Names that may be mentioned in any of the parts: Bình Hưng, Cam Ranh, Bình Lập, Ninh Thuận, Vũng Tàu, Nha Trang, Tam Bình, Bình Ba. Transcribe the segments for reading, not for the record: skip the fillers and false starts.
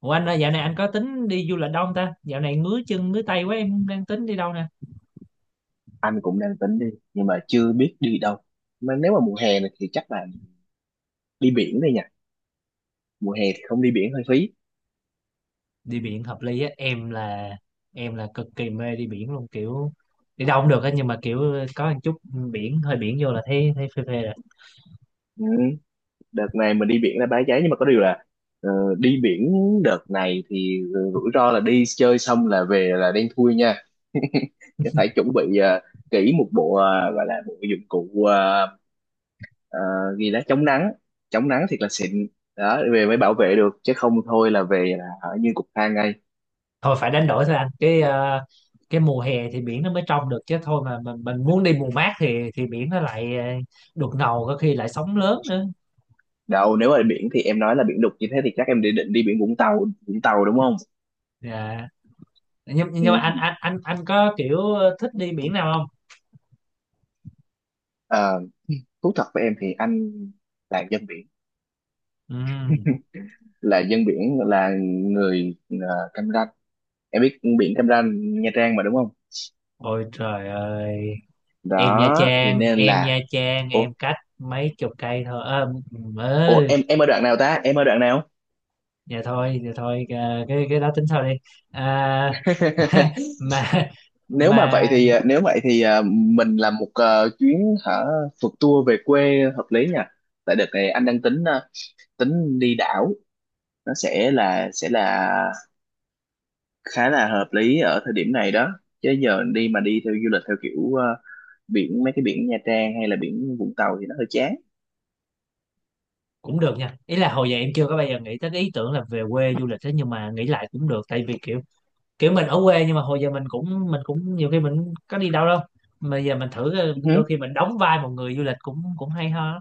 Ủa anh ơi, dạo này anh có tính đi du lịch đâu không ta? Dạo này ngứa chân ngứa tay quá em đang tính đi đâu nè? Anh cũng đang tính đi nhưng mà chưa biết đi đâu. Mà nếu mà mùa hè này thì chắc là đi biển đây nha. Mùa hè thì không đi biển hơi phí. Đi biển hợp lý á, em là cực kỳ mê đi biển luôn, kiểu đi đâu cũng được á, nhưng mà kiểu có một chút biển, hơi biển vô là thấy thấy phê phê rồi. Ừ. Đợt này mình đi biển là Bãi Cháy nhưng mà có điều là ờ, đi biển đợt này thì rủi ro là đi chơi xong là về là đen thui nha. Phải chuẩn bị kỹ một bộ gọi là bộ dụng cụ ờ, gì đó chống nắng, chống nắng thiệt là xịn đó về mới bảo vệ được chứ không thôi là về là ở như cục than ngay. Thôi phải đánh đổi thôi anh. Cái mùa hè thì biển nó mới trong được, chứ thôi mà mình muốn đi mùa mát thì biển nó lại đục ngầu, có khi lại sóng lớn nữa. Đâu, nếu mà biển thì em nói là biển đục như thế thì chắc em định định đi biển Vũng Tàu, đúng không? Dạ. Nhưng Ừ. nhưng mà anh có kiểu thích đi biển nào không? À, thú thật với em thì anh là dân biển, Ừ. là dân biển, là người Cam Ranh. Em biết biển Cam Ranh, Nha Trang mà đúng không? Ôi trời ơi, em Nha Đó thì Trang nên em là, Nha Trang ủa, em cách mấy chục cây thôi à, ừ, em ở đoạn nào ta? Em ở đoạn nào? dạ thôi à, cái đó tính sau đi. À, mà mà Nếu vậy thì mình làm một chuyến hả, phượt tour về quê hợp lý nha. Tại đợt này anh đang tính đi đảo. Nó sẽ là, khá là hợp lý ở thời điểm này đó. Chứ giờ đi mà đi theo du lịch theo kiểu biển, mấy cái biển Nha Trang hay là biển Vũng Tàu thì nó hơi chán. cũng được nha, ý là hồi giờ em chưa có bao giờ nghĩ tới cái ý tưởng là về quê du lịch thế, nhưng mà nghĩ lại cũng được, tại vì kiểu kiểu mình ở quê nhưng mà hồi giờ mình cũng nhiều khi mình cũng có đi đâu đâu, mà giờ mình thử Ừ hứ. đôi khi mình đóng vai một người du lịch cũng cũng hay ho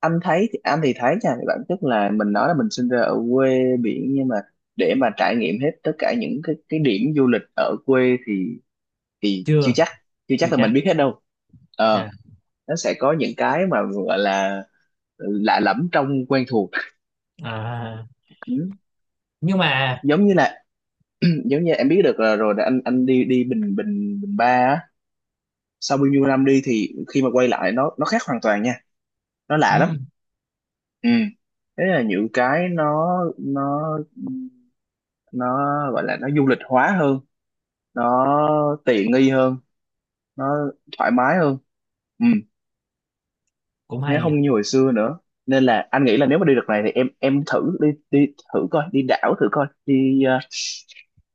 Anh thấy thì, anh thì thấy nha, thì bản chất là mình nói là mình sinh ra ở quê biển nhưng mà để mà trải nghiệm hết tất cả những cái điểm du lịch ở quê thì chưa chưa chắc, chưa là chắc mình biết hết đâu. ờ Dạ. nó sẽ có những cái mà gọi là lạ lẫm trong quen thuộc. À, Ừ. nhưng mà Giống như là, giống như em biết được là rồi là anh đi đi Bình Bình Bình Ba á. Sau bao nhiêu năm đi thì khi mà quay lại nó khác hoàn toàn nha. Nó lạ lắm. ừ, Ừ. Thế là những cái nó nó gọi là, nó du lịch hóa hơn, nó tiện nghi hơn, nó thoải mái hơn. Ừ. cũng Nó hay nhỉ. không như hồi xưa nữa. Nên là anh nghĩ là nếu mà đi đợt này thì em thử đi đi, thử coi đi đảo, thử coi đi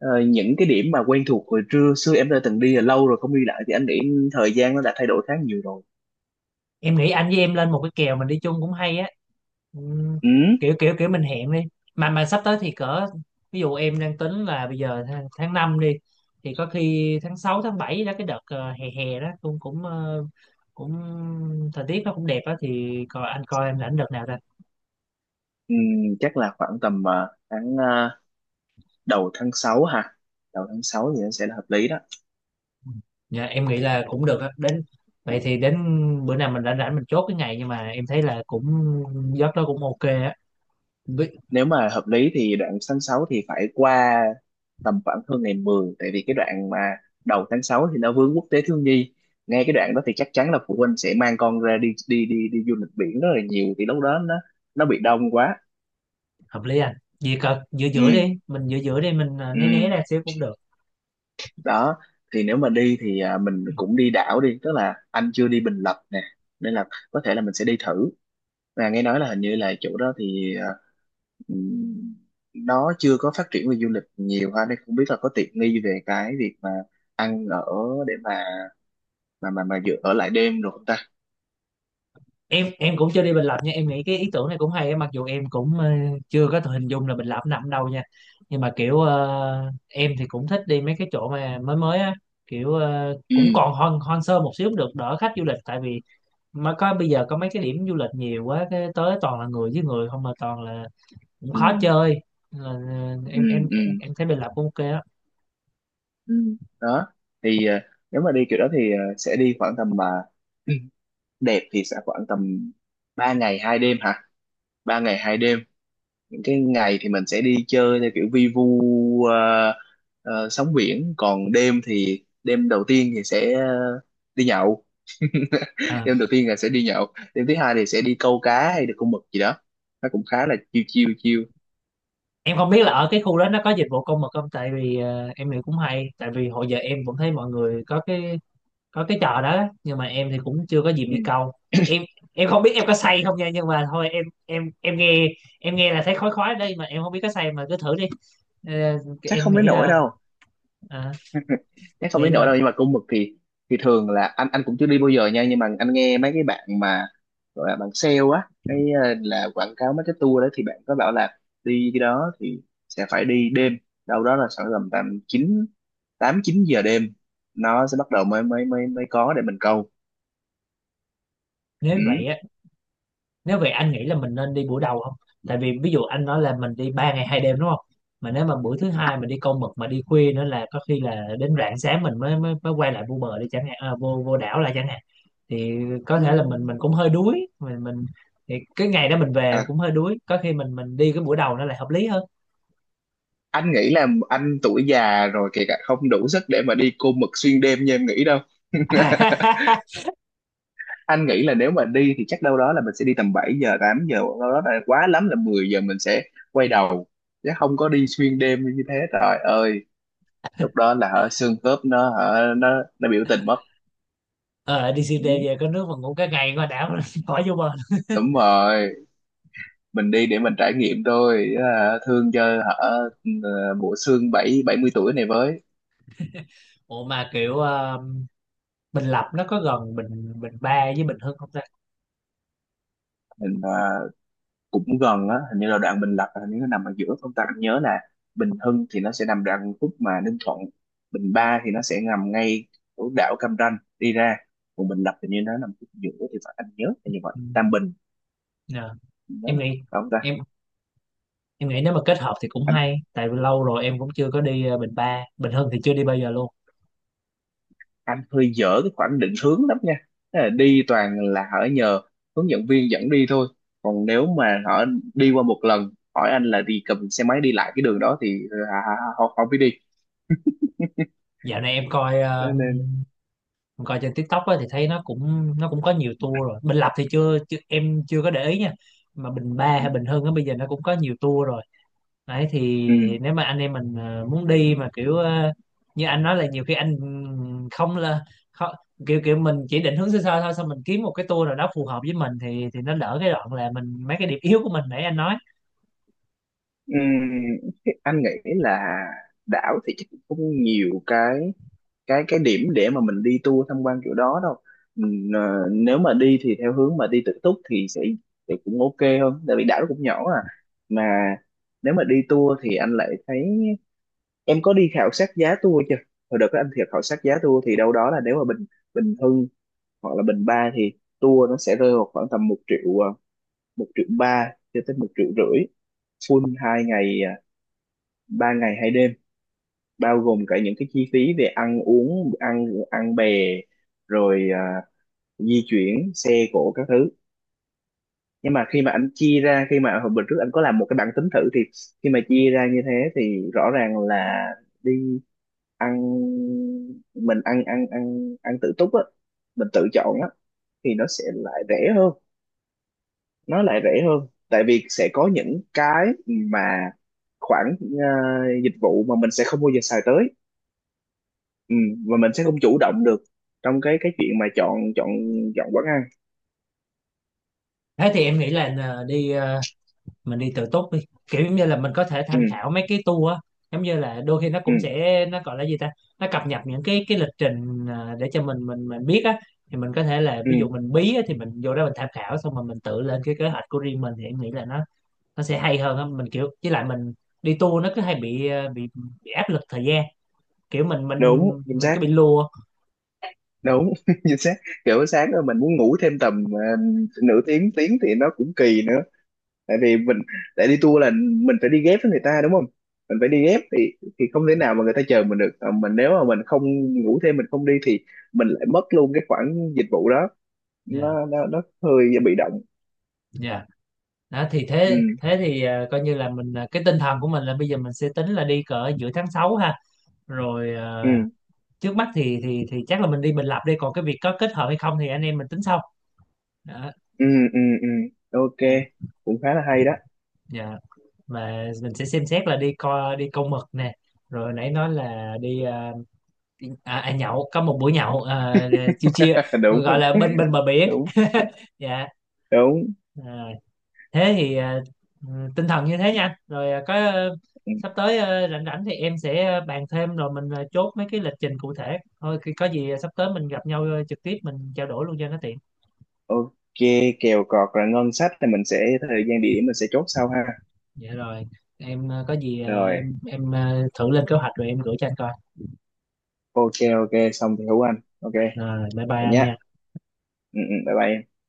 ờ, những cái điểm mà quen thuộc hồi trưa xưa em đã từng đi là lâu rồi không đi lại thì anh nghĩ thời gian nó đã thay đổi khá nhiều rồi. Em nghĩ anh với em lên một cái kèo mình đi chung cũng hay á. Ừm, Ừ. kiểu kiểu kiểu mình hẹn đi, mà sắp tới thì cỡ, ví dụ em đang tính là bây giờ tháng 5 đi, thì có khi tháng 6 tháng 7 đó, cái đợt hè hè đó cũng cũng cũng thời tiết nó cũng đẹp á, thì coi anh coi em rảnh đợt nào ra. Ừ, chắc là khoảng tầm tháng đầu tháng 6 ha. Đầu tháng 6 thì nó sẽ là hợp lý đó. Dạ, em nghĩ là cũng được á. Đến vậy thì đến bữa nào mình rảnh rảnh mình chốt cái ngày, nhưng mà em thấy là cũng giấc đó cũng ok á. Với- Nếu mà hợp lý thì đoạn tháng 6 thì phải qua tầm khoảng hơn ngày 10, tại vì cái đoạn mà đầu tháng 6 thì nó vướng quốc tế thiếu nhi. Ngay cái đoạn đó thì chắc chắn là phụ huynh sẽ mang con ra đi đi đi đi du lịch biển rất là nhiều thì lúc đó nó bị đông quá. hợp lý anh, gì cỡ giữa Ừ, giữa đi mình giữa giữa đi mình né né ừ. ra xíu cũng được. Đó thì nếu mà đi thì mình cũng đi đảo đi. Tức là anh chưa đi Bình Lập nè, nên là có thể là mình sẽ đi thử, là nghe nói là hình như là chỗ đó thì ừm, nó chưa có phát triển về du lịch nhiều ha. Nên không biết là có tiện nghi về cái việc mà ăn ở để mà dự ở lại đêm rồi không ta. Em cũng chưa đi Bình Lập nha, em nghĩ cái ý tưởng này cũng hay á, mặc dù em cũng chưa có thể hình dung là Bình Lập nằm đâu nha, nhưng mà kiểu em thì cũng thích đi mấy cái chỗ mà mới mới á, kiểu Ừ, cũng còn hoang hoang sơ một xíu cũng được, đỡ khách du lịch. Tại vì mà có bây giờ có mấy cái điểm du lịch nhiều quá, cái tới toàn là người với người không, mà toàn là cũng ừ, khó chơi. Nên là ừ, em em ừ, em em thấy Bình Lập cũng ok á. ừ. Đó thì nếu mà đi kiểu đó thì sẽ đi khoảng tầm mà đẹp thì sẽ khoảng tầm 3 ngày 2 đêm hả. 3 ngày 2 đêm, cái ngày thì mình sẽ đi chơi theo kiểu vi vu sóng biển. Còn đêm thì đêm đầu tiên thì sẽ đi nhậu. À, Đêm đầu tiên là sẽ đi nhậu. Đêm thứ hai thì sẽ đi câu cá hay là câu mực gì đó. Nó cũng khá là chiêu chiêu chiêu. em không biết là ở cái khu đó nó có dịch vụ công mực không, tại vì em nghĩ cũng hay, tại vì hồi giờ em cũng thấy mọi người có cái trò đó, nhưng mà em thì cũng chưa có dịp Ừ. đi câu. Em em không biết em có say không nha, nhưng mà thôi em nghe, em nghe là thấy khói khói đây mà em không biết có say, mà cứ thử đi. Ờ, Chắc em không đến nghĩ nổi là đâu. à, Chắc không nghĩ đến nỗi là đâu, nhưng mà cung mực thì thường là anh cũng chưa đi bao giờ nha, nhưng mà anh nghe mấy cái bạn mà gọi là bạn sale á, cái là quảng cáo mấy cái tour đó thì bạn có bảo là đi cái đó thì sẽ phải đi đêm, đâu đó là khoảng tầm tầm chín, 8-9 giờ đêm nó sẽ bắt đầu mới mới mới mới có để mình câu. nếu vậy Ừ. á, nếu vậy anh nghĩ là mình nên đi buổi đầu không, tại vì ví dụ anh nói là mình đi ba ngày hai đêm đúng không, mà nếu mà buổi thứ hai mình đi câu mực mà đi khuya nữa là có khi là đến rạng sáng mình mới mới, mới quay lại vô bờ đi chẳng hạn, à, vô vô đảo lại chẳng hạn, thì có thể là mình Ừ. mình cũng hơi đuối mình. Thì cái ngày đó mình về À, cũng hơi đuối, có khi mình đi cái buổi đầu nó lại hợp lý hơn. anh nghĩ là anh tuổi già rồi kể cả không đủ sức để mà đi cô mực xuyên đêm như em nghĩ đâu. Anh nghĩ là nếu mà đi thì chắc đâu đó là mình sẽ đi tầm 7 giờ 8 giờ, đâu đó là quá lắm là 10 giờ mình sẽ quay đầu, chứ không có đi xuyên đêm như thế, trời ơi. Lúc đó là hả, xương khớp nó hả, nó biểu tình mất. Ờ đi Ừ, CT về có nước mà ngủ cái ngày qua đảo. Khỏi vô bờ. đúng rồi. Mình đi để mình trải nghiệm thôi hả, thương cho hả bộ xương bảy bảy mươi tuổi này với. Ủa mà kiểu Bình Lập nó có gần Bình Bình Ba với Bình Hưng không ta? Mình, cũng gần á. Hình như là đoạn Bình Lập là hình như nó nằm ở giữa không ta, anh nhớ là Bình Hưng thì nó sẽ nằm đoạn khúc mà Ninh Thuận. Bình Ba thì nó sẽ nằm ngay ở đảo Cam Ranh đi ra, còn Bình Lập thì như nó nằm khúc giữa thì phải, anh nhớ là như vậy. Ừ. Tam Bình, Ờ. nhớ em là vậy, nghĩ phải không ta? em em nghĩ nếu mà kết hợp thì cũng anh hay, tại vì lâu rồi em cũng chưa có đi Bình Ba, Bình Hưng thì chưa đi bao giờ luôn. anh hơi dở cái khoảng định hướng lắm nha. Thế là đi toàn là hỏi nhờ hướng dẫn viên dẫn đi thôi. Còn nếu mà họ đi qua một lần hỏi anh là đi cầm xe máy đi lại cái đường đó thì họ họ, họ không biết đi. Dạo này em coi Cho nên. em coi trên TikTok á, thì thấy nó cũng có nhiều tour rồi. Bình Lập thì chưa, em chưa có để ý nha, mà Bình Ba hay Bình Hưng á, bây giờ nó cũng có nhiều tour rồi. Đấy Ừ. thì nếu mà anh em mình muốn đi mà kiểu như anh nói là nhiều khi anh ừ, không là khó- kiểu kiểu mình chỉ định hướng sơ sơ thôi, xong mình kiếm một cái tour nào đó phù hợp với mình thì nó đỡ cái đoạn là mình mấy cái điểm yếu của mình nãy anh nói. Ừm. Thế anh nghĩ là đảo thì chắc cũng không nhiều cái điểm để mà mình đi tour tham quan kiểu đó đâu. Nếu mà đi thì theo hướng mà đi tự túc thì sẽ, thì cũng ok hơn tại vì đảo nó cũng nhỏ à. Mà nếu mà đi tour thì anh lại thấy, em có đi khảo sát giá tour chưa? Hồi đợt đó anh thiệt khảo sát giá tour thì đâu đó là nếu mà Bình Bình Hưng hoặc là Bình Ba thì tour nó sẽ rơi vào khoảng tầm một triệu một triệu ba cho tới một triệu rưỡi, full 2 ngày ba ngày hai đêm, bao gồm cả những cái chi phí về ăn uống, ăn ăn bè rồi di chuyển xe cộ các thứ. Nhưng mà khi mà anh chia ra, khi mà hồi bữa trước anh có làm một cái bảng tính thử thì khi mà chia ra như thế thì rõ ràng là đi ăn, mình ăn ăn ăn ăn tự túc á, mình tự chọn á, thì nó sẽ lại rẻ hơn. Nó lại rẻ hơn, tại vì sẽ có những cái mà khoản dịch vụ mà mình sẽ không bao giờ xài tới. Ừ. Và mình sẽ không chủ động được trong cái chuyện mà chọn chọn chọn quán ăn. Thế thì em nghĩ là nờ, đi mình đi tự túc đi, kiểu giống như là mình có thể Ừ, tham khảo mấy cái tour á, giống như là đôi khi nó ừ, cũng sẽ nó gọi là gì ta, nó cập nhật những cái lịch trình để cho mình biết á, thì mình có thể là ừ, ví dụ mình bí á, thì mình vô đó mình tham khảo xong rồi mình tự lên cái kế hoạch của riêng mình, thì em nghĩ là nó sẽ hay hơn á. Mình kiểu với lại mình đi tour nó cứ hay bị bị áp lực thời gian, kiểu mình mình đúng chính mình xác. cứ bị lùa. Đúng chính xác. Kiểu sáng rồi mình muốn ngủ thêm tầm nửa tiếng tiếng thì nó cũng kỳ nữa, tại vì mình, để đi tour là mình phải đi ghép với người ta đúng không. Mình phải đi ghép thì không thể nào mà người ta chờ mình được. Ờ, mình nếu mà mình không ngủ thêm, mình không đi thì mình lại mất luôn cái khoản dịch vụ đó. Dạ, Nó hơi bị động. dạ. Đó thì Ừ, thế thế thì à, coi như là mình à, cái tinh thần của mình là bây giờ mình sẽ tính là đi cỡ giữa tháng 6 ha, rồi ừ, à, trước mắt thì chắc là mình đi Bình Lập đi, còn cái việc có kết hợp hay không thì anh em mình tính sau. Đó, ừ, ừ, ừ, ok. đó. Cũng khá là hay đó. Dạ. Và mình sẽ xem xét là đi co đi câu mực nè, rồi nãy nói là đi à, đi- à, à, nhậu có một buổi nhậu à, chiêu chiêu Đúng, gọi là bên bên bờ biển đúng, Dạ. đúng. À, thế thì tinh thần như thế nha anh. Rồi có Ừ, sắp tới rảnh rảnh thì em sẽ bàn thêm, rồi mình chốt mấy cái lịch trình cụ thể thôi. Khi có gì sắp tới mình gặp nhau trực tiếp mình trao đổi luôn cho nó tiện. ok. Kèo cọt là ngân sách thì mình sẽ, thời gian địa điểm mình sẽ chốt sau ha. Dạ rồi, em có gì Rồi, em thử lên kế hoạch rồi em gửi cho anh coi. ok. Ok, xong thì hữu anh. Ok, Rồi bye bye vậy anh nhá. nha. Ừ, ừ, bye bye em.